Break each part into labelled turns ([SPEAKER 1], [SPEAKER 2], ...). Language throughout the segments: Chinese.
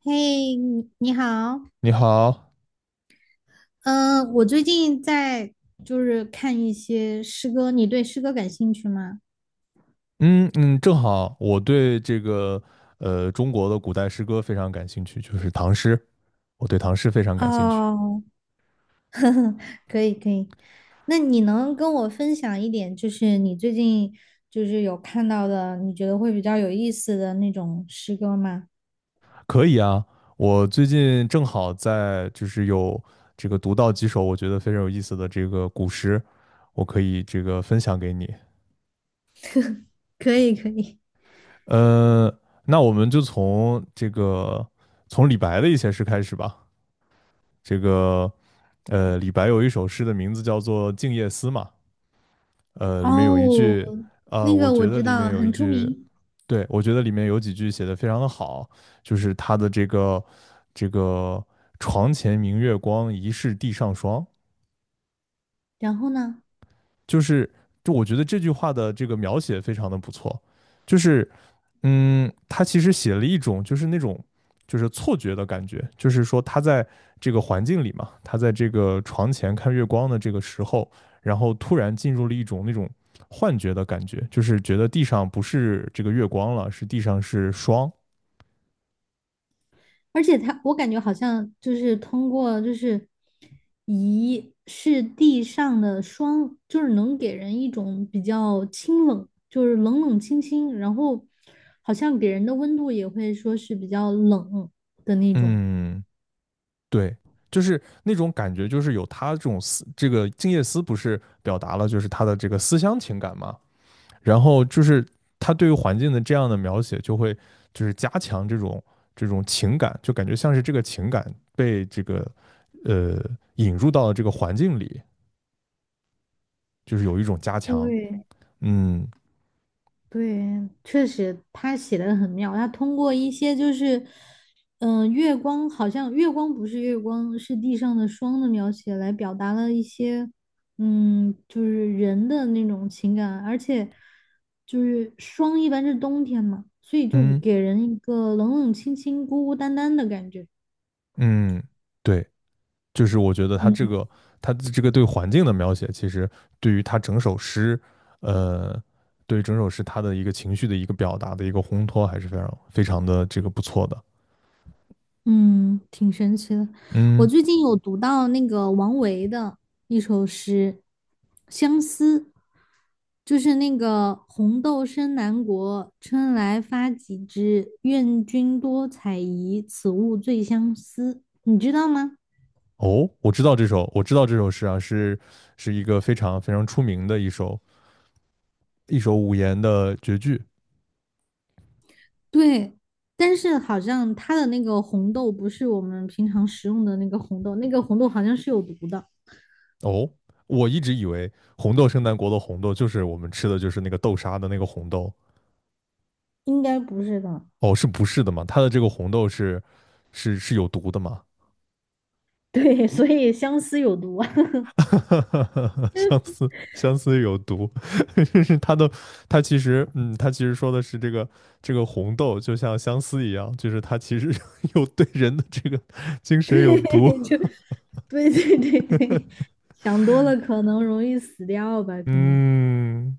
[SPEAKER 1] 嘿，你好，
[SPEAKER 2] 你好。
[SPEAKER 1] 嗯，我最近在看一些诗歌，你对诗歌感兴趣吗？
[SPEAKER 2] 嗯嗯，正好我对中国的古代诗歌非常感兴趣，就是唐诗，我对唐诗非常感兴趣。
[SPEAKER 1] 哦，可以，那你能跟我分享一点，就是你最近有看到的，你觉得会比较有意思的那种诗歌吗？
[SPEAKER 2] 可以啊，我最近正好在就是有这个读到几首我觉得非常有意思的这个古诗，我可以这个分享给你。
[SPEAKER 1] 可以。
[SPEAKER 2] 呃，那我们就从从李白的一些诗开始吧。这个李白有一首诗的名字叫做《静夜思》嘛。里面有一
[SPEAKER 1] 哦，
[SPEAKER 2] 句，
[SPEAKER 1] 那
[SPEAKER 2] 我
[SPEAKER 1] 个我
[SPEAKER 2] 觉得
[SPEAKER 1] 知
[SPEAKER 2] 里面
[SPEAKER 1] 道，
[SPEAKER 2] 有一
[SPEAKER 1] 很出
[SPEAKER 2] 句，
[SPEAKER 1] 名。
[SPEAKER 2] 对，我觉得里面有几句写的非常的好，就是他的这个床前明月光，疑是地上霜。
[SPEAKER 1] 然后呢？
[SPEAKER 2] 就是就我觉得这句话的这个描写非常的不错，就是他其实写了一种就是那种就是错觉的感觉，就是说他在这个环境里嘛，他在这个床前看月光的这个时候，然后突然进入了一种那种幻觉的感觉，就是觉得地上不是这个月光了，是地上是霜。
[SPEAKER 1] 而且他，我感觉好像就是通过仪是地上的霜，就是能给人一种比较清冷，就是冷冷清清，然后好像给人的温度也会说是比较冷的那种。
[SPEAKER 2] 嗯，对，就是那种感觉，就是有他这种思，这个静夜思不是表达了就是他的这个思乡情感嘛，然后就是他对于环境的这样的描写，就会就是加强这种情感，就感觉像是这个情感被这个呃引入到了这个环境里，就是有一种加强。
[SPEAKER 1] 对，
[SPEAKER 2] 嗯
[SPEAKER 1] 对，确实他写的很妙。他通过一些就是，月光好像月光不是月光，是地上的霜的描写，来表达了一些，嗯，就是人的那种情感。而且，就是霜一般是冬天嘛，所以就
[SPEAKER 2] 嗯
[SPEAKER 1] 给人一个冷冷清清、孤孤单单的感觉。
[SPEAKER 2] 嗯，对，就是我觉得
[SPEAKER 1] 嗯。
[SPEAKER 2] 他这个对环境的描写，其实对于他整首诗，呃，对于整首诗他的一个情绪的一个表达的一个烘托，还是非常非常的这个不错的。
[SPEAKER 1] 嗯，挺神奇的。我
[SPEAKER 2] 嗯。
[SPEAKER 1] 最近有读到那个王维的一首诗《相思》，就是那个“红豆生南国，春来发几枝。愿君多采撷，此物最相思。”你知道吗？
[SPEAKER 2] 哦，我知道这首，我知道这首诗啊，是是一个非常非常出名的一首五言的绝句。
[SPEAKER 1] 对，但是好像它的那个红豆不是我们平常食用的那个红豆，那个红豆好像是有毒的，
[SPEAKER 2] 哦，我一直以为红豆生南国的红豆就是我们吃的就是那个豆沙的那个红豆。
[SPEAKER 1] 应该不是的。
[SPEAKER 2] 哦，是不是的嘛？它的这个红豆是是有毒的嘛？
[SPEAKER 1] 对，所以相思有毒啊。
[SPEAKER 2] 相 思，相思有毒。就是它的，它其实，它其实说的是这个红豆就像相思一样，就是它其实 有对人的这个精神有毒。
[SPEAKER 1] 对就 对，想多了可能容易死掉吧，可能，
[SPEAKER 2] 嗯，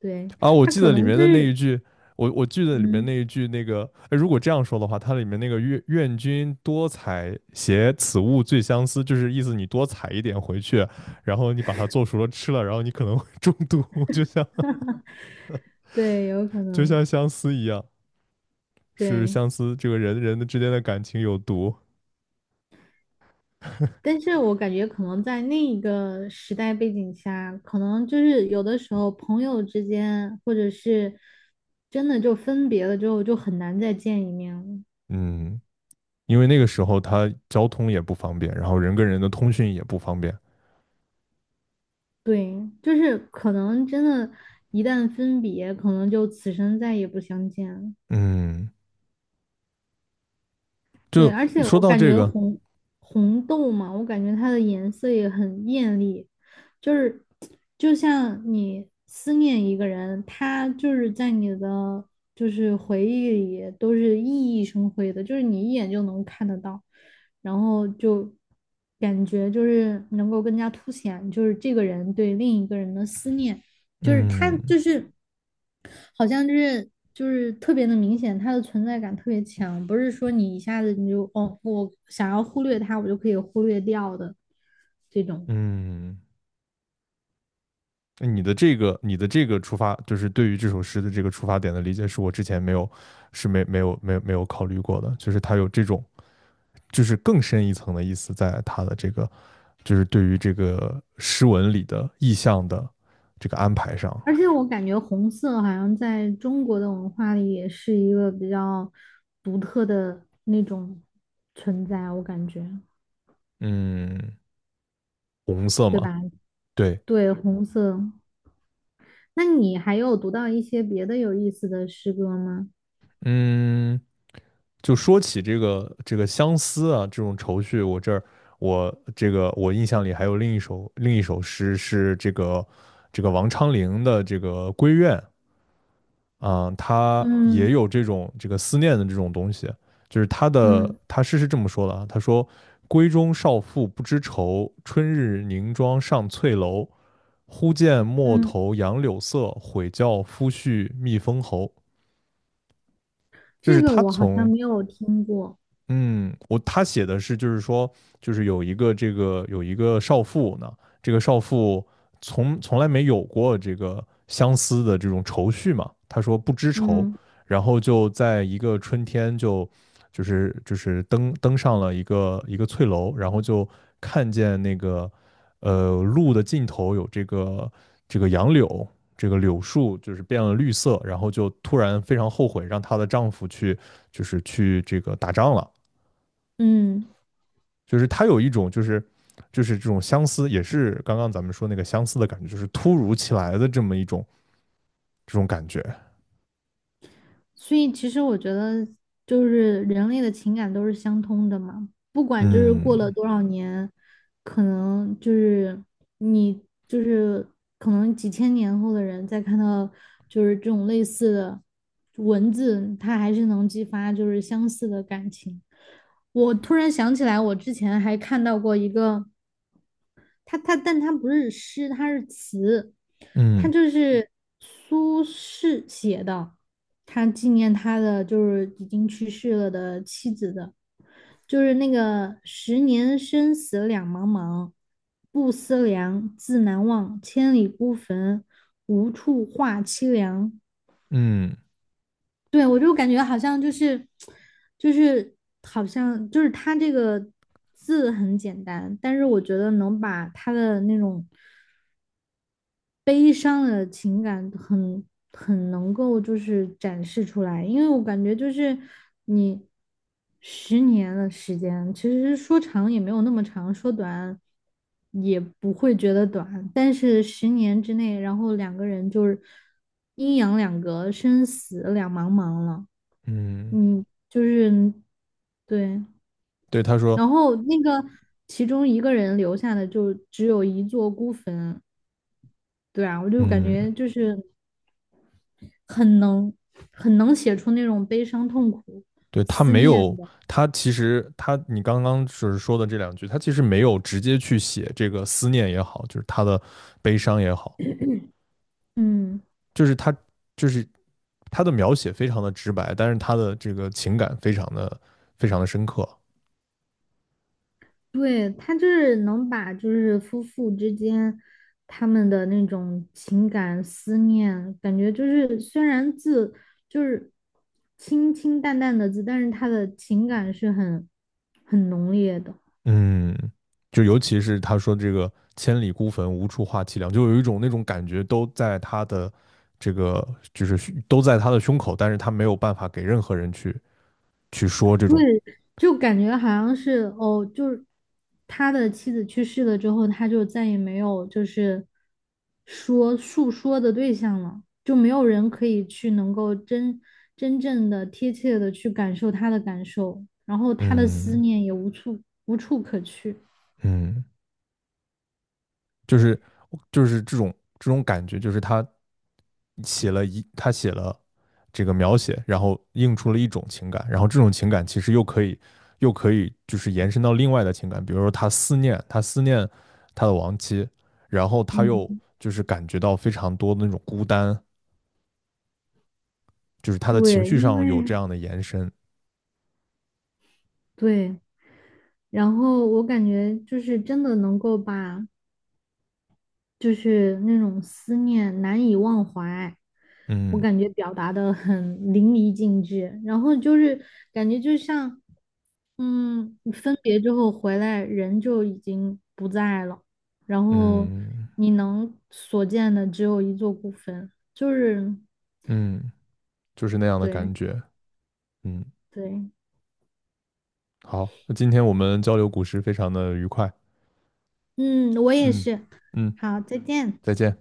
[SPEAKER 1] 对，
[SPEAKER 2] 啊，我
[SPEAKER 1] 他
[SPEAKER 2] 记
[SPEAKER 1] 可
[SPEAKER 2] 得里
[SPEAKER 1] 能
[SPEAKER 2] 面
[SPEAKER 1] 就
[SPEAKER 2] 的那一
[SPEAKER 1] 是，
[SPEAKER 2] 句，我记得里面
[SPEAKER 1] 嗯，
[SPEAKER 2] 那一句那个，哎如果这样说的话，它里面那个愿君多采撷，此物最相思，就是意思你多采一点回去，然后你把它做熟了吃了，然后你可能会中毒，就像
[SPEAKER 1] 对，有可
[SPEAKER 2] 就
[SPEAKER 1] 能，
[SPEAKER 2] 像相思一样，是
[SPEAKER 1] 对，
[SPEAKER 2] 相思这个人的之间的感情有毒。
[SPEAKER 1] 但是我感觉可能在那一个时代背景下，可能就是有的时候朋友之间，或者是真的就分别了之后，就很难再见一面了。
[SPEAKER 2] 嗯，因为那个时候它交通也不方便，然后人跟人的通讯也不方便。
[SPEAKER 1] 对，就是可能真的，一旦分别，可能就此生再也不相见了。
[SPEAKER 2] 嗯，
[SPEAKER 1] 对，
[SPEAKER 2] 就
[SPEAKER 1] 而且
[SPEAKER 2] 说
[SPEAKER 1] 我
[SPEAKER 2] 到
[SPEAKER 1] 感
[SPEAKER 2] 这
[SPEAKER 1] 觉
[SPEAKER 2] 个，
[SPEAKER 1] 红豆嘛，我感觉它的颜色也很艳丽，就是就像你思念一个人，他就是在你的回忆里都是熠熠生辉的，就是你一眼就能看得到，然后就感觉就是能够更加凸显就是这个人对另一个人的思念。就是他
[SPEAKER 2] 嗯。
[SPEAKER 1] 就是好像就是特别的明显，他的存在感特别强，不是说你一下子你就哦，我想要忽略他，我就可以忽略掉的这种。
[SPEAKER 2] 嗯，那你的这个，你的这个出发，就是对于这首诗的这个出发点的理解，是我之前没有，是没有考虑过的，就是它有这种，就是更深一层的意思，在它的这个，就是对于这个诗文里的意象的这个安排上。
[SPEAKER 1] 而且我感觉红色好像在中国的文化里也是一个比较独特的那种存在，我感觉，
[SPEAKER 2] 嗯，红色
[SPEAKER 1] 对
[SPEAKER 2] 嘛，
[SPEAKER 1] 吧？
[SPEAKER 2] 对。
[SPEAKER 1] 对，红色。那你还有读到一些别的有意思的诗歌吗？
[SPEAKER 2] 嗯，就说起这个相思啊，这种愁绪，我这儿我这个我印象里还有另一首诗是这个王昌龄的这个《闺怨》啊，他也
[SPEAKER 1] 嗯
[SPEAKER 2] 有这种这个思念的这种东西，就是
[SPEAKER 1] 嗯
[SPEAKER 2] 他诗是这么说的啊，他说：“闺中少妇不知愁，春日凝妆上翠楼。忽见陌
[SPEAKER 1] 嗯。
[SPEAKER 2] 头杨柳色，悔教夫婿觅封侯。”就
[SPEAKER 1] 这
[SPEAKER 2] 是
[SPEAKER 1] 个
[SPEAKER 2] 他
[SPEAKER 1] 我好像
[SPEAKER 2] 从，
[SPEAKER 1] 没有听过，
[SPEAKER 2] 嗯，我他写的是，就是说，就是有一个这个有一个少妇呢，这个少妇从来没有过这个相思的这种愁绪嘛，她说不知愁，
[SPEAKER 1] 嗯
[SPEAKER 2] 然后就在一个春天就就是登上了一个翠楼，然后就看见那个路的尽头有这个杨柳，这个柳树就是变了绿色，然后就突然非常后悔让她的丈夫去就是去这个打仗了。
[SPEAKER 1] 嗯，
[SPEAKER 2] 就是他有一种就是这种相思，也是刚刚咱们说那个相思的感觉，就是突如其来的这么一种这种感觉。
[SPEAKER 1] 所以其实我觉得就是人类的情感都是相通的嘛，不管就是过了
[SPEAKER 2] 嗯
[SPEAKER 1] 多少年，可能就是你就是可能几千年后的人再看到就是这种类似的文字，它还是能激发就是相似的感情。我突然想起来，我之前还看到过一个。他，但他不是诗，他是词，他
[SPEAKER 2] 嗯
[SPEAKER 1] 就是苏轼写的，他纪念他的就是已经去世了的妻子的，就是那个十年生死两茫茫，不思量，自难忘，千里孤坟，无处话凄凉。
[SPEAKER 2] 嗯
[SPEAKER 1] 对，我就感觉好像就是，就是好像就是他这个字很简单，但是我觉得能把他的那种悲伤的情感很能够就是展示出来，因为我感觉就是你十年的时间，其实说长也没有那么长，说短也不会觉得短，但是十年之内，然后两个人就是阴阳两隔，生死两茫茫了，
[SPEAKER 2] 嗯，
[SPEAKER 1] 嗯，就是对。
[SPEAKER 2] 对，他说，
[SPEAKER 1] 然后那个其中一个人留下的就只有一座孤坟，对啊，我就感
[SPEAKER 2] 嗯，
[SPEAKER 1] 觉就是很能很能写出那种悲伤、痛苦、
[SPEAKER 2] 对他
[SPEAKER 1] 思
[SPEAKER 2] 没
[SPEAKER 1] 念
[SPEAKER 2] 有，
[SPEAKER 1] 的。
[SPEAKER 2] 他其实他你刚刚就是说的这两句，他其实没有直接去写这个思念也好，就是他的悲伤也好，
[SPEAKER 1] 嗯，
[SPEAKER 2] 就是他就是他的描写非常的直白，但是他的这个情感非常的深刻。
[SPEAKER 1] 对，他就是能把就是夫妇之间他们的那种情感思念，感觉就是虽然字就是清清淡淡的字，但是他的情感是很浓烈的。
[SPEAKER 2] 嗯，就尤其是他说这个“千里孤坟，无处话凄凉”，就有一种那种感觉，都在他的这个，就是胸都在他的胸口，但是他没有办法给任何人去说这种，
[SPEAKER 1] 对，就感觉好像是哦，就是他的妻子去世了之后，他就再也没有就是说诉说的对象了，就没有人可以去能够真正的贴切的去感受他的感受，然后他的思
[SPEAKER 2] 嗯
[SPEAKER 1] 念也无处可去。
[SPEAKER 2] 嗯，就是就是这种这种感觉，就是他写了一他写了这个描写，然后映出了一种情感，然后这种情感其实又可以就是延伸到另外的情感，比如说他思念他的亡妻，然后他又
[SPEAKER 1] 嗯，
[SPEAKER 2] 就是感觉到非常多的那种孤单，就是他的情
[SPEAKER 1] 对，
[SPEAKER 2] 绪
[SPEAKER 1] 因
[SPEAKER 2] 上有
[SPEAKER 1] 为
[SPEAKER 2] 这样的延伸。
[SPEAKER 1] 对，然后我感觉就是真的能够把就是那种思念难以忘怀，我
[SPEAKER 2] 嗯
[SPEAKER 1] 感觉表达的很淋漓尽致。然后就是感觉就像，嗯，分别之后回来，人就已经不在了，然后
[SPEAKER 2] 嗯
[SPEAKER 1] 你能所见的只有一座孤坟，就是
[SPEAKER 2] 嗯,就是那样的感
[SPEAKER 1] 对
[SPEAKER 2] 觉。嗯，
[SPEAKER 1] 对，
[SPEAKER 2] 好，那今天我们交流古诗非常的愉快。
[SPEAKER 1] 嗯，我也
[SPEAKER 2] 嗯
[SPEAKER 1] 是。
[SPEAKER 2] 嗯。
[SPEAKER 1] 好，再见。
[SPEAKER 2] 再见。